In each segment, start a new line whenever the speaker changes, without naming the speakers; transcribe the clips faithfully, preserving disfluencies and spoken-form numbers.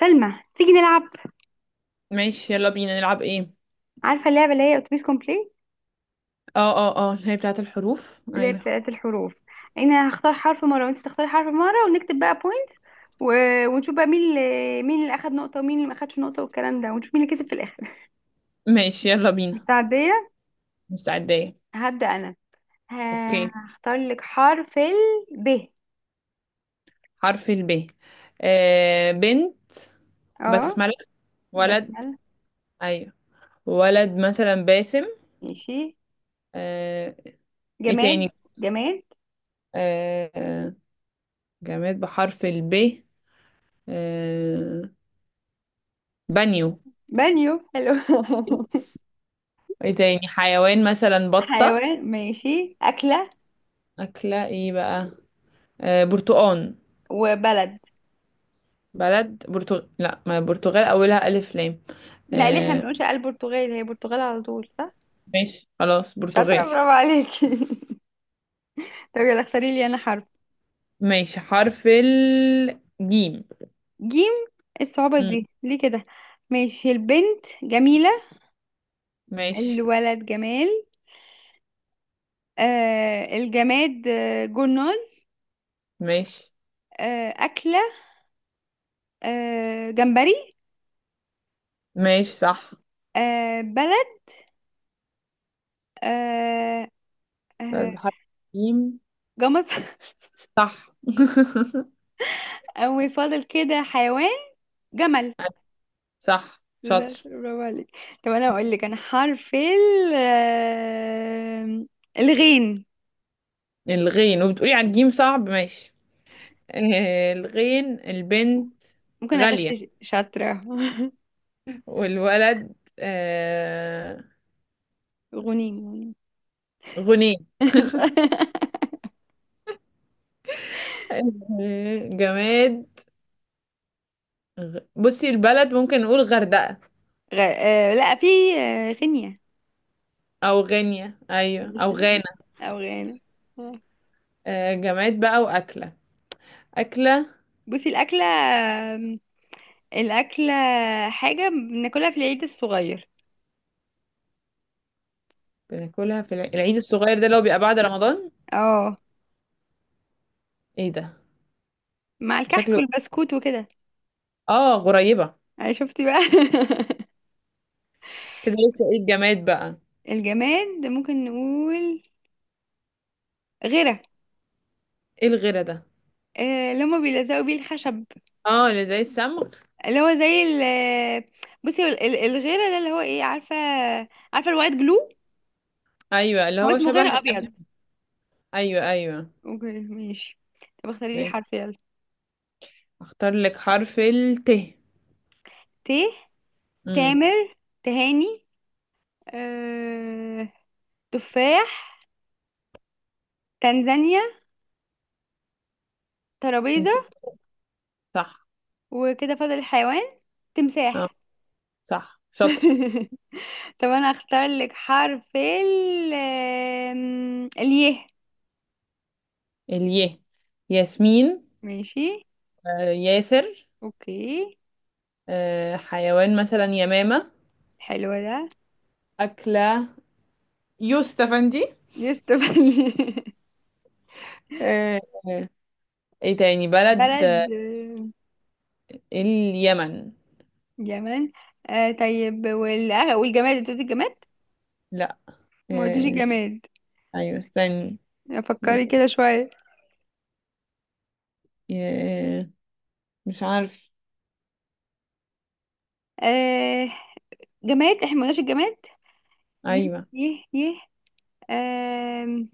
سلمى، تيجي نلعب.
ماشي، يلا بينا نلعب ايه؟
عارفة اللعبة اللي هي اتوبيس كومبليت،
اه اه اه، اللي هي بتاعت الحروف،
اللي هي
ايوه.
بتاعت الحروف؟ انا هختار حرف مرة وانت تختاري حرف مرة، ونكتب بقى بوينتس، و... ونشوف بقى مين اللي مين اللي اخد نقطة ومين اللي ما اخدش نقطة والكلام ده، ونشوف مين اللي كسب في الاخر.
ماشي، يلا بينا.
مستعدية؟
مستعدة.
هبدأ انا. ه-
اوكي.
هختار لك حرف ال ب.
حرف الب. آه بنت.
اه،
بسملة. ولد.
بسمل.
ايوه. ولد مثلا باسم.
ماشي.
آه. ايه
جماد.
تاني؟
جماد.
آه، آه، جماد بحرف الب. آه. بانيو.
بانيو، حلو.
ايه تاني؟ حيوان مثلا بطة.
حيوان، ماشي، أكلة
أكلة ايه بقى؟ آه برتقان.
وبلد.
بلد برتغال. لا، ما برتغال أولها ألف لام.
لا، ليه؟ احنا ما
آه.
بنقولش البرتغال، هي برتغال على طول، صح؟
ماشي، خلاص
شاطرة،
برتغال.
برافو عليكي. طب يلا اختاري لي انا حرف.
ماشي، حرف الجيم.
جيم؟ إيه الصعوبة
مم.
دي ليه كده؟ ماشي، البنت جميلة،
ماشي.
الولد جمال. آه الجماد، آه جرنال.
ماشي.
آه أكلة، آه جمبري.
ماشي. صح.
آه بلد. آه
بلد
آه
بحرف الجيم.
جمص.
صح.
وفاضل كده حيوان، جمل.
صح،
لا،
شاطر.
برافو عليك. طب انا اقول لك انا حرف ال آه، الغين.
الغين، وبتقولي على الجيم صعب، ماشي. آه، الغين، البنت
ممكن اغش؟
غالية.
شاطرة.
والولد آه،
غنيم.
غني. آه، جماد. غ... بصي، البلد ممكن نقول غردقة.
غ... آه لا، في آه غينيا.
أو غينيا، أيوة، أو
ماشي،
غانا.
او غانا. آه.
آه، جماد بقى وأكلة. أكلة.
بصي الاكله، آم، الاكله حاجه بناكلها في العيد الصغير.
بناكلها في الع- العيد الصغير، ده اللي هو بيبقى بعد رمضان.
اه،
ايه ده؟
مع الكحك
بتاكله؟
والبسكوت وكده.
اه، غريبة.
انا شفتي بقى.
كده، لسه ايه الجماد بقى؟
الجماد ممكن نقول غيره،
ايه الغيرة ده؟
آه، اللي هما بيلزقوا بيه الخشب.
اه، اللي زي السمغ.
اللي هو زي ال بصي ال- ال- الغيره ده، اللي هو ايه، عارفه؟ عارفه الوايت جلو؟
ايوه، اللي
هو
هو
اسمه
شبه
غيره ابيض.
الأم- ايوه، ايوه.
اوكي ماشي. طب اختاري لي
ماشي.
حرف يلا.
اختار لك حرف الت.
ت.
امم
تامر، تهاني. آه... تفاح، تنزانيا، ترابيزة.
صح.
وكده فاضل الحيوان،
اه.
تمساح.
صح، شاطرة.
طب انا اختار لك حرف ال آم، الياء.
اليه. ياسمين.
ماشي.
آه ياسر.
اوكي.
آه حيوان مثلا يمامة.
حلو ده.
أكلة. يوسف أفندي.
يوسف.
آه. ايه تاني بلد؟
بلد،
آه.
آم،
اليمن.
جمال. آه طيب وال... آه، والجماد، انت قلتي الجماد؟
لا.
ما قلتيش
آه،
الجماد.
ايوه، استني. ي-
فكري كده شوية.
ي- مش عارف.
آه جماد، احنا ما قلناش الجماد. يه
ايوه.
يه يه. آم،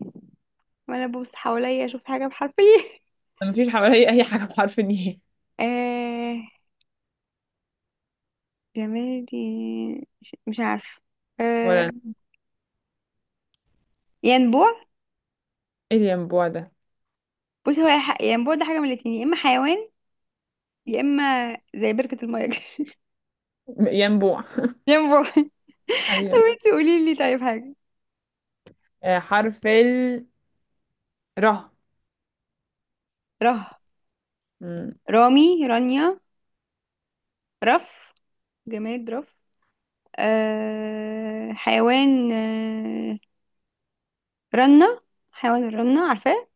وانا ببص حواليا اشوف حاجة بحرف الايه.
ما فيش حواليا اي حاجه بحرف الياء.
آه جمال دي. مش مش عارفة.
ولا
آه
أنا.
ينبوع.
ايه الينبوع ده؟
بص، هو يا ح- ينبوع ده حاجة من الاتنين، يا اما حيوان، يا اما زي بركة المية كده.
م- ينبوع.
ينبوع.
ايوه.
انت قولي لي طيب حاجة.
آه، حرف ال ر.
ره.
م-
رامي، رانيا. رف. جماد، رف. آه حيوان، آه رنة. حيوان الرنة، عارفاه؟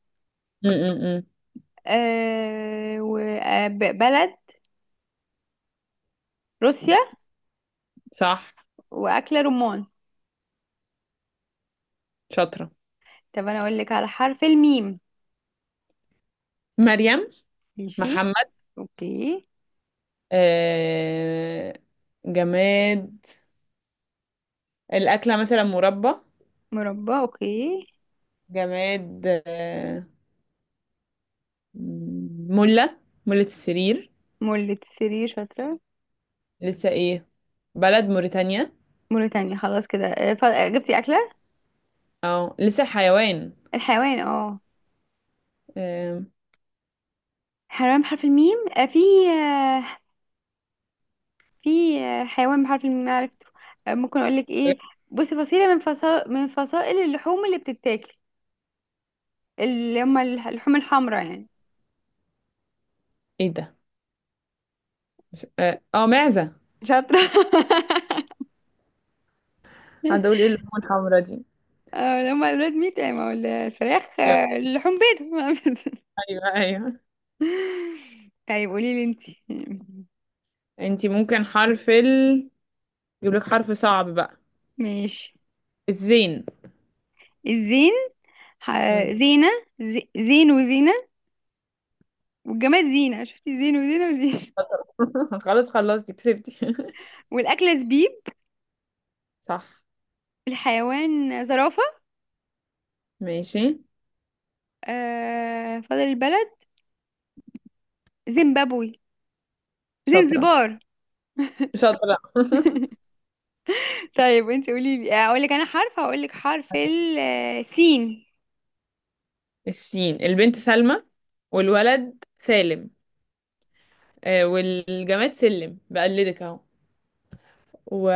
م- م- م.
آه وبلد روسيا.
صح،
وأكلة رمان.
شاطره.
طب انا اقول لك على حرف الميم.
مريم.
ماشي.
محمد.
اوكي.
آه، جماد. الاكله مثلا مربى.
مربع، اوكي.
جماد، آه، مله، مله السرير.
مولة سرير، شاطرة.
لسه ايه؟ بلد موريتانيا.
موريتانيا، خلاص كده. آه، ف- آه، جبتي أكلة.
اه، لسه الحيوان.
الحيوان، اه.
آم،
حيوان بحرف الميم، آه، في آه، في آه، حيوان بحرف الميم عرفته. آه، ممكن اقول لك ايه؟ بصي، فصيلة من فصائل من فصائل اللحوم اللي بتتاكل، اللي هم اللح- اللحوم الحمراء يعني.
ايه ده؟ مش- اه آه، معزة.
شاطرة.
هتقول ايه اللون الحمرا دي؟
اه، اللي هم الريد ميت يعني، ما هو الفراخ
ايوه.
آه، اللحوم بيض.
ايوه، ايوه.
طيب قولي لي انت.
انتي ممكن حرف ال، يجيب لك حرف صعب بقى.
ماشي.
الزين.
الزين. ح-
مم.
زينة. زي- زين وزينة. والجماد زينة، شفتي؟ زين وزينة وزينة.
خلاص، خلصتي، كسبتي.
والأكلة زبيب.
صح.
الحيوان زرافة.
ماشي.
آه فاضل البلد، زيمبابوي.
شاطرة،
زنزبار.
شاطرة.
طيب انت قولي لي اقول لك انا حرف. هقول لك حرف السين.
السين، البنت سلمى. والولد سالم. آه، والجماد سلم، بقلدك اهو. و...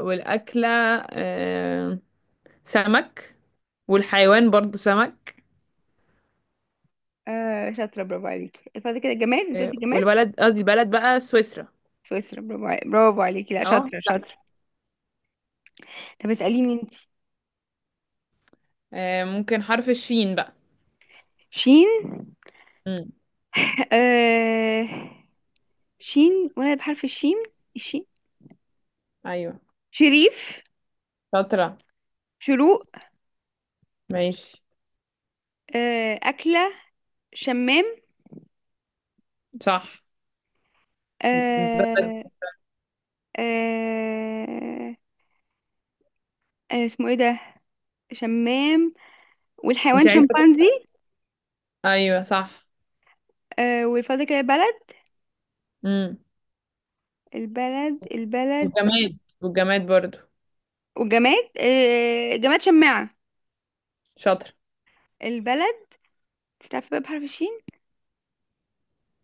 والأكلة، آه، سمك. والحيوان برضو سمك.
آه شاطرة، برافو عليكي، فاضل كده الجماد، انت
آه،
قلتي جماد؟
والبلد قصدي البلد بقى سويسرا.
سويسرا، برافو عليكي، برافو عليكي، لا
اهو.
شاطرة شاطرة. طب اسأليني انت.
آه، ممكن حرف الشين بقى.
شين؟
امم
آه شين، وانا بحرف الشين؟ الشين.
ايوه.
شريف.
شاطرة.
شروق.
ماشي.
آه أكلة، شمام.
صح. بلد.
آه آه آه اسمه ايه ده؟ شمام.
انت
والحيوان
عايزة؟
شمبانزي.
ايوه، صح.
آه والفاضل كده بلد.
امم
البلد البلد.
والجماد والجماد برضو.
وجماد، آه جماد شماعة.
شاطرة.
البلد، تعرف بقى بحرف الشين؟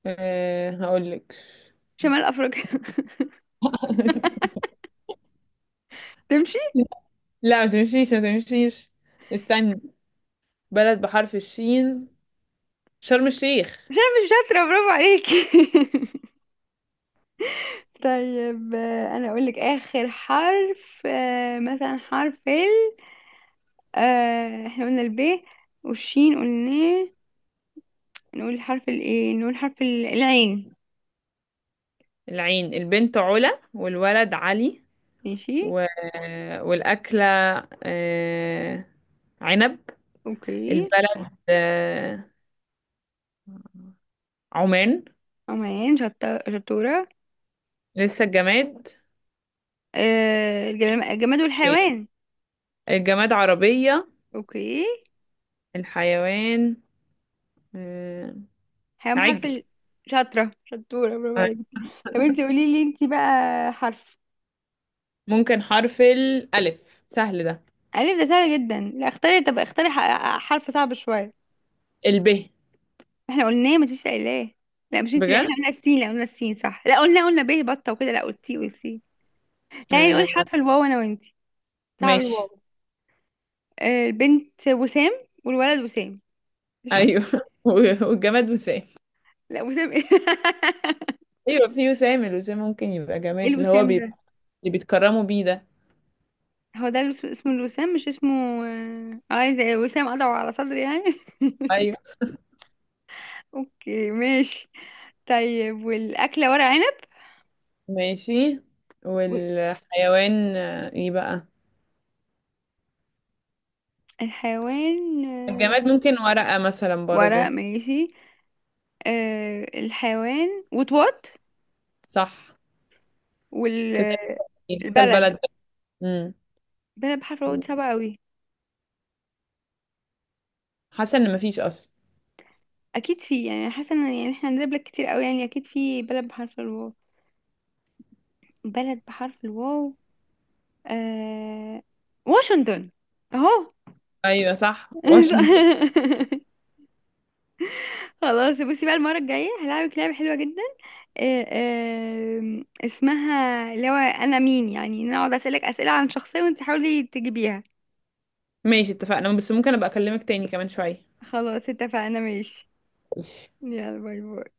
أه هقول لك.
شمال أفريقيا. تمشي؟
لا، ما تمشيش، ما تمشيش. استني. بلد بحرف الشين، شرم الشيخ.
عشان أنا مش شاطرة، برافو عليكي. طيب آه، أنا أقولك آخر حرف، آه مثلا حرف ال آه احنا قلنا الب، والشين قلناه. نقول حرف الايه، نقول حرف ال- العين.
العين، البنت علا والولد علي.
ماشي.
و... والأكلة، آه، عنب.
اوكي.
البلد، آه، عمان.
عمان، شطة، شطورة.
لسه الجماد.
آه الجلم- الجماد والحيوان.
الجماد عربية.
اوكي.
الحيوان، آه،
حيوان بحرف
عجل.
ال. شاطرة شطورة، برافو
آه،
عليك. طب انتي قولي لي، انتي بقى حرف.
ممكن حرف الألف، سهل ده.
ألف ده سهل جدا، لا اختاري، طب اختاري ح- حرف صعب شوية.
الب.
احنا قلناه، ما تنسيش قايلاه. لا مش انتي، لا
بجد؟
احنا قلنا السين، لا قلنا السين صح، لا قلنا قلنا ب بطة وكده، لا قلتي قلتي. تعالي نقول
آه.
حرف الواو انا وانتي. صعب
ماشي.
الواو. آه، البنت وسام، والولد وسام.
أيوه. و- والجماد وسام.
لا، وسام ايه؟
أيوه، في وسام، الوسام ممكن يبقى
ايه
جماد، اللي هو
الوسام ده؟
بيبقى اللي بيتكرموا بيه ده.
هو ده الوس- اسمه الوسام، مش اسمه. اه، آه، زي وسام قطعه على صدري يعني.
أيوه.
اوكي ماشي. طيب والاكله ورق عنب.
ماشي.
وال-
والحيوان، آه، إيه بقى؟
الحيوان، آه،
الجماد ممكن ورقة مثلا
ورق
برضو.
ماشي. آه، الحيوان وطواط.
صح. كده لسه. لسه
والبلد
البلد. امم
بلد بحرف الواو دي صعبة قوي.
حاسه ان مفيش اصلا.
اكيد في، يعني حاسه ان، يعني احنا هنجيب لك كتير قوي، يعني اكيد في بلد بحرف الواو. بلد بحرف الواو. آه... واشنطن، اهو.
ايوه، صح، واشنطن.
خلاص بصي بقى، المرة الجاية هلعبك لعبة حلوة جدا، آه، آه، اسمها اللي هو انا مين، يعني نقعد اسألك اسئلة عن شخصية وانت تحاولي تجيبيها.
ماشي، اتفقنا، بس ممكن ابقى اكلمك تاني كمان شويه؟
خلاص اتفقنا، ماشي.
ماشي.
يلا باي باي.